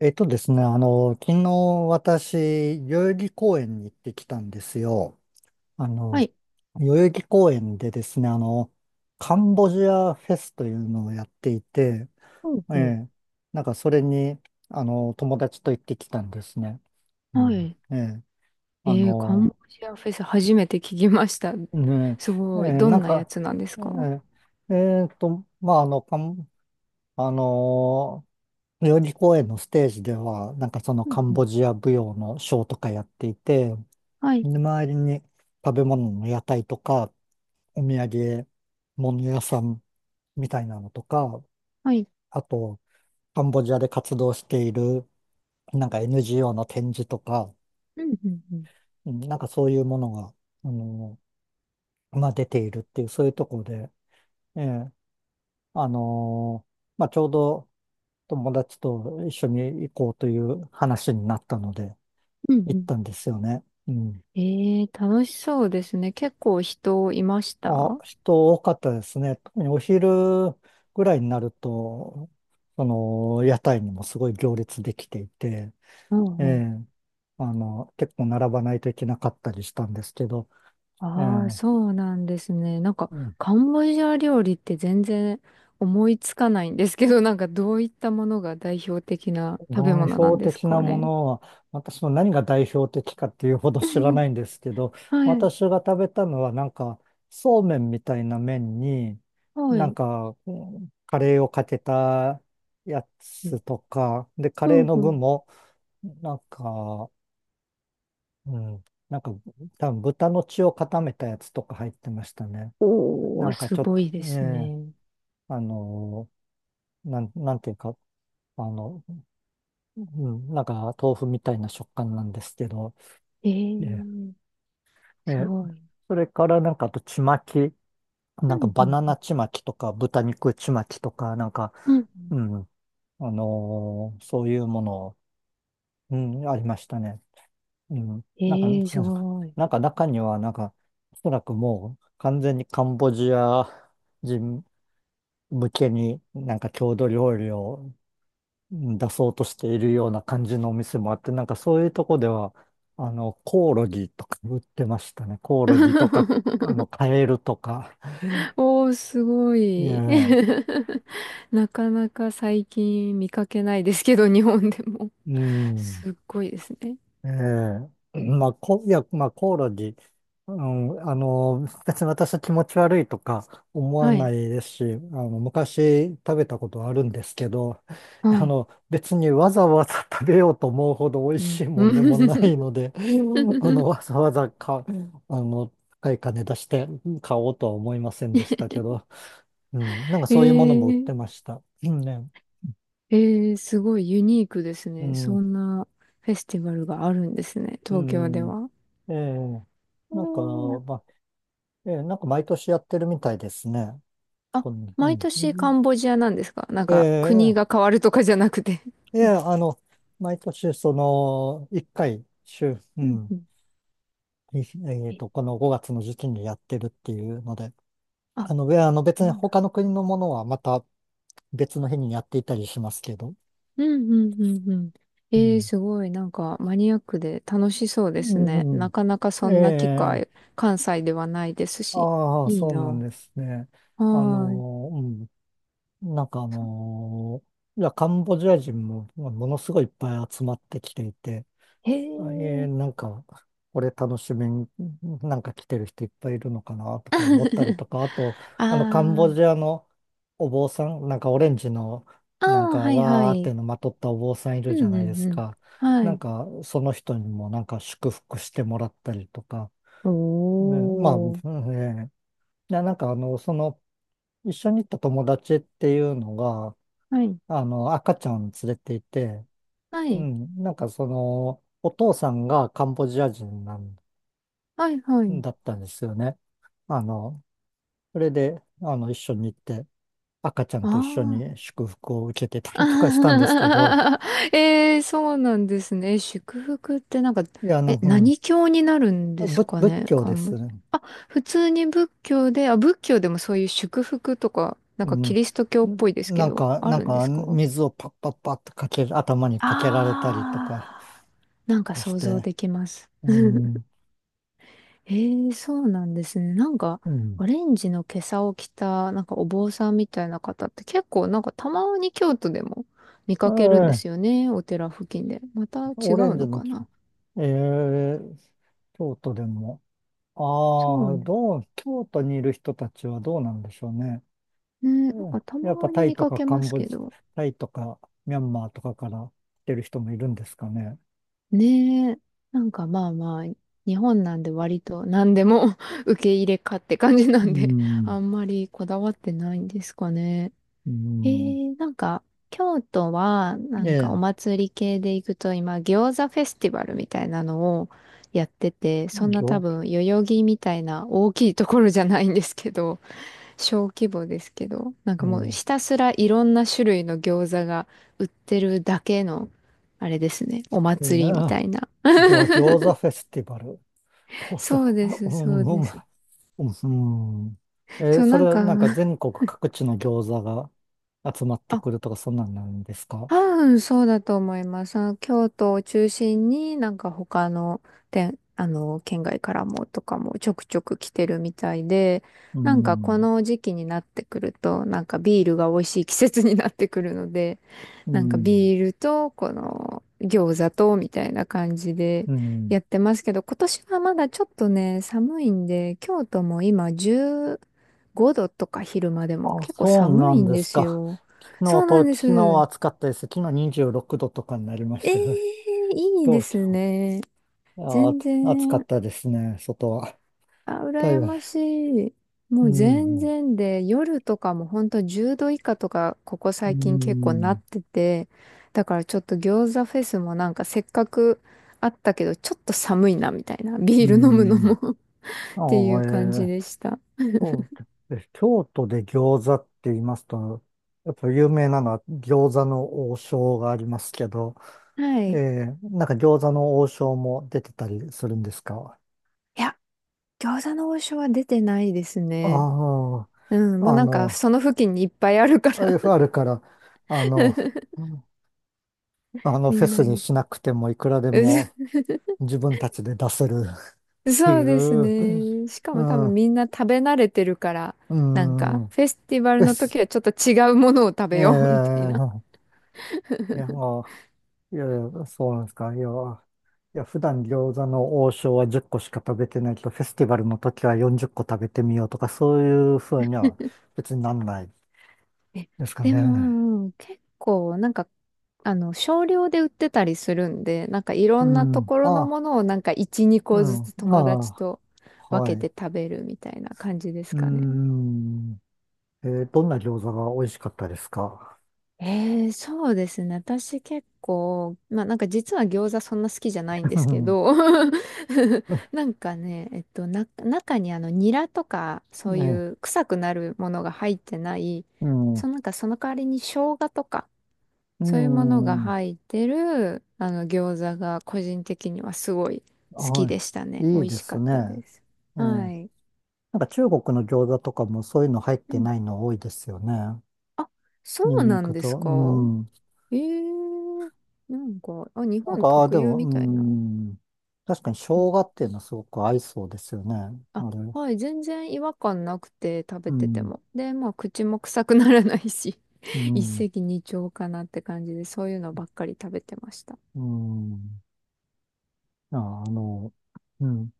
えっとですね、あの、昨日私、代々木公園に行ってきたんですよ。あはの、い。代々木公園でですね、カンボジアフェスというのをやっていて、うんえうん。え、なんかそれに、友達と行ってきたんですね。うはん、い。ええ、あえー、カンの、ボジアフェス初めて聞きました。ね、すえごい。え、どなんんなやか、つなんですか？えまあ、あの、カンあの代々木公園のステージでは、なんかそのうんカンうボん。ジア舞踊のショーとかやっていて、はでい。周りに食べ物の屋台とか、お土産物屋さんみたいなのとか、はい。あと、カンボジアで活動している、なんか NGO の展示とか、うんうんうん。うんなんかそういうものが、あの、まあ、出ているっていう、そういうところで、ええ、あのまあ、ちょうど友達と一緒に行こうという話になったので、うん行っうたんですよね。うん。ん。えー、楽しそうですね。結構人いましあ、た？人多かったですね。特にお昼ぐらいになると、その、屋台にもすごい行列できていて、うえんうん。え、結構並ばないといけなかったりしたんですけど、ええ、ああ、そうなんですね。なんか、カンボジア料理って全然思いつかないんですけど、なんかどういったものが代表的な食べ代物な表んです的なかもね。のは、私も何が代表的かっていうほど知らな いんですけど、はい。私が食べたのはなんか、そうめんみたいな麺に、はなんい。か、うんカレーをかけたやつえとか、で、カうレーんのう具ん。も、なんか、うん、なんか、多分豚の血を固めたやつとか入ってましたね。なおー、んかすちょっごと、いですね、ね。あの、なんていうか、あの、うん、なんか豆腐みたいな食感なんですけど、ええー、え、すごい。それからなんかあとちまき、うなんかん、うバナん、ナちまきとか豚肉ちまきとか、なんか、うん。うん。うん、そういうもの、うん、ありましたね。うん、えなんか、ー、すごい。なんか中にはなんか、おそらくもう完全にカンボジア人向けになんか郷土料理をうん出そうとしているような感じのお店もあって、なんかそういうとこでは、コオロギとか売ってましたね。コオロギとか、カエルとか。おー、すごえい。え、なかなか最近見かけないですけど、日本でも。うん。すっごいですね。ええ、まあ、いや、まあ、コオロギ、うん、別に私は気持ち悪いとか思わはない、いですし、昔食べたことあるんですけど、はい。別にわざわざ食べようと思うほど美味うん、しいもんでうもないので、あの、ん。 わ ざわざか、あの、高い金出して買おうとは思いませんでしたけど、うん、なんかえそういうものも売っー、てました。ねうんね、えー、すごいユニークですね。そんなフェスティバルがあるんですね、う東京でん、うん、は。えええ、なんか、ーまあええ、なんか毎年やってるみたいですね。あ、う毎年カん。ンボジアなんですか？なんえか国え、が変わるとかじゃなくて。ええ、毎年その、一回、週、ううんん、うん。いえっと、こえの5月の時期にやってるっていうので、あ、あの、えあのそ別にうなん。他の国のものはまた別の日にやっていたりしますけど。うんうんうんうん。うええ、ん。すごい、なんかマニアックで楽しそううですね。ん、うなかなかそんえんな機え、会、関西ではないですし。ああ、いいそうなんな。ですね。はーい。うん、なんかそいや、カンボジア人もものすごいいっぱい集まってきていて、へえ。なんか、これ楽しみに、なんか来てる人いっぱいいるのかなとか思ったり とか、あと、あカンボー、ジアのお坊さん、なんかオレンジの、あなんー、かはいはわーっい。てのまとったお坊さんいうるじゃんないうでんすうん。か。はなんい。か、その人にもなんか祝福してもらったりとか、おうんまあ、うんー。えーなんかその、一緒に行った友達っていうのが、はい。赤ちゃん連れていて、はうい。ん、なんかその、お父さんがカンボジア人なんはいはい。だったんですよね。あの、それで、一緒に行って、赤ちゃんあと一緒あ、に祝福を受けてたりとかしたんですけど、あー。 えー、そうなんですね。祝福ってなんか、いや、なんか、うん何教になるんです仏、か仏ね、教で漢す字。ね。あ、普通に仏教で、あ、仏教でもそういう祝福とか、なうんかキん。リスト教っぽいですけなんど、か、あなんるんでか、すか？水をパッパッパッとかける、頭にかけられたりとかああー、なんかし想像て、できます。うん、ええ、そうなんですね。なんか、うん。オレンジの袈裟を着た、なんかお坊さんみたいな方って結構、なんかたまに京都でも見かけるんでえすよえね。お寺付近で。また違オレうンジののか木、な。ええ京都でも、そあうあ、ね。京都にいる人たちはどうなんでしょうね。ね、なんうかんたやっぱまにタイ見とかかけカまンすボけジ、ど。タイとかミャンマーとかから来てる人もいるんですかね。ねえ、なんかまあまあ、日本なんで割と何でも 受け入れかって感じなうんで、あん。んまりこだわってないんですかね。うん。なんか、京都は、なえんかおえ。祭り系で行くと、今、餃子フェスティバルみたいなのをやってて、そんな多餃、分、代々木みたいな大きいところじゃないんですけど、小規模ですけど、なんうんかもういひたすらいろんな種類の餃子が売ってるだけの、あれですね、おい祭りみたないな。餃子フェスティバル。餃そうで子、うす、ん、そうです。うん、うん。そう、そなれんはか、なんか 全国各地の餃子が集まってあ、くるとかそんなんなんですか？多分そうだと思います。あの京都を中心になんか他の店、あの、県外からもとかもちょくちょく来てるみたいで、うなんかこん。の時期になってくると、なんかビールが美味しい季節になってくるので、うなんかん。ビールとこの餃子とみたいな感じでうん。やってますけど、今年はまだちょっとね、寒いんで、京都も今15度とか昼間でもあ、結構そう寒ないんんでですすか。よ。そうなんで昨日はす。暑かったです。昨日26度とかになりましええ、たよ。い いで東すね。京、全あ、暑かっ然、たですね、外は。あ、だい羨ぶ、ましい。もうう全ん、然で、夜とかも本当10度以下とか、ここう最近結構なっん、てて、だからちょっと餃子フェスもなんかせっかくあったけど、ちょっと寒いなみたいな、ビうール飲むのも ん。っあていうあ、感じー、でした。そうです。京都で餃子って言いますと、やっぱ有名なのは餃子の王将がありますけど、はい。いなんか餃子の王将も出てたりするんですか？や、餃子の王将は出てないですね。あうん、もあ、うなんかその付近にいっぱいあるから あるから、あの、うんみフェんなスいにい。しなくてもいくらでも 自分たちで出せる っていそうですう、ね。しかうも多分ん、みんな食べ慣れてるから、うなんか、ん、フェスティバルでのす。時はちょっと違うものを食べえよう みたいな。えいや、もう、いや、いやそうなんですか。いや、いや、普段餃子の王将は10個しか食べてないけど、フェスティバルの時は40個食べてみようとか、そういうふうには別になんない え、ですかでね。も、結構、なんか、少量で売ってたりするんで、なんかいろうんなとん、ころのあ、ものをなんか1、2う個ずん、つ友達あ、とは分けい。て食べるみたいな感じですうかね。ん。どんな餃子が美味しかったですか？ ええ、そうですね。私結構、まあなんか実は餃子そんな好きじゃないん でうすけんど、なんかね、中にニラとかそうね、いう臭くなるものが入ってない、うん、そのなんかその代わりに生姜とかうそういうものがん、入ってるあの餃子が個人的にはすごい好きはでしたい、ね。美いい味でしかすったでね。す。えはーい。なんか中国の餃子とかもそういうの入っうてん。ないの多いですよね。あ、そニうンニなんクですと、うか？ん。ええ、なんか、あ、日なん本か、あー、特で有も、みうたいな。ん。確かに生うん。姜っていうのはすごく合いそうですよね。あ、あれ。はい、全然違和感なくて食うべててん、も。で、まあ、口も臭くならないし、う 一ん、石二鳥かなって感じで、そういうのばっかり食べてました。うん。ああの、うん。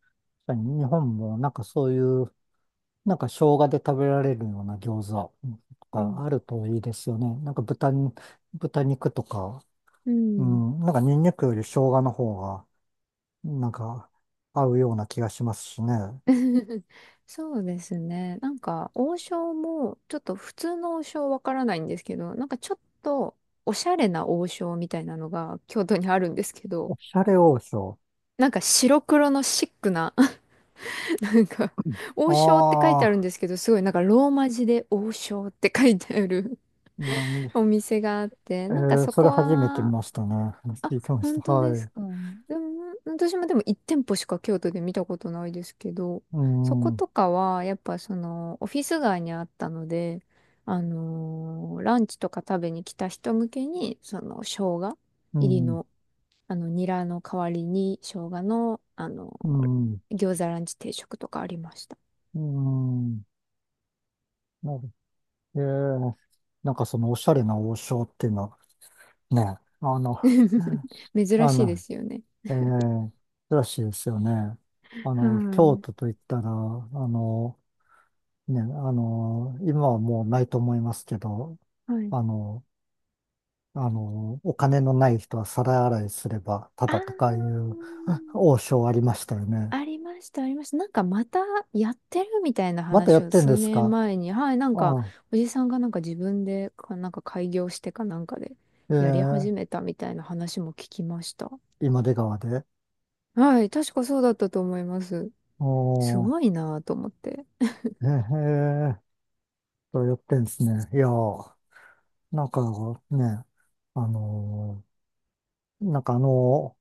確かに日本もなんかそういうなんか生姜で食べられるような餃子とうかん。あるといいですよね。なんか豚肉とか、ううん。ん、なんかニンニクより生姜の方が、なんか合うような気がしますしね。そうですね。なんか、王将も、ちょっと普通の王将わからないんですけど、なんかちょっと、おしゃれな王将みたいなのが京都にあるんですけど、おしゃれ王将。なんか白黒のシックななんか、あ王将って書いてあるんあ、ですけど、すごいなんかローマ字で王将って書いてある 何、お店があって、えなんかーそそれこ初めて見は、ましたね。あ、聞いてました。本当ではすい。か。でも、私もでも1店舗しか京都で見たことないですけど、うそこん、うとかは、やっぱオフィス街にあったので、ランチとか食べに来た人向けに、生姜入りん、の、ニラの代わりに、生姜の、うーん、餃子ランチ定食とかありました。うん。なるえーなんかそのおしゃれな王将っていうのはね、珍あしいでの、すよね。ええ、らしいですよね。は京い。都といったら、ね、今はもうないと思いますけど、はい。あの、お金のない人は皿洗いすれば、たあだとかいあ、う 王将ありましたよあね。りました、ありました。なんかまたやってるみたいなまたや話っをてんで数す年か？前に、はい、なんあかあ、おじさんがなんか自分でか、なんか開業してかなんかでえやり始え、めたみたいな話も聞きました。今出川で。はい、確かそうだったと思います。おすー、ごいなぁと思って。ええやってんですね。いやー、なんかね、あのなんかあの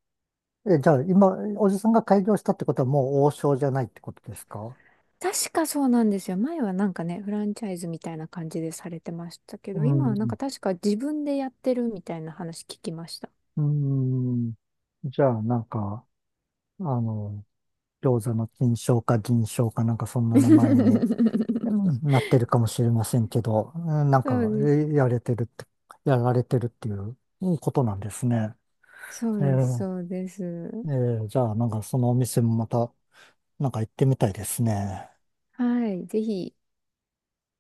え、じゃあ今、おじさんが開業したってことはもう王将じゃないってことですか？確かそうなんですよ。前はなんかね、フランチャイズみたいな感じでされてましたけうど、今はなんん。か確か自分でやってるみたいな話聞きました。うん。じゃあなんか、あの、餃子の金賞か銀賞かなんかそんな名前にう んなってるかもしれませんけど、うんなんそうか、です。えやれてるって、やられてるっていううんことなんですね。そうえです。そうです。えええじゃあなんかそのお店もまた、なんか行ってみたいですね。はい。ぜひ、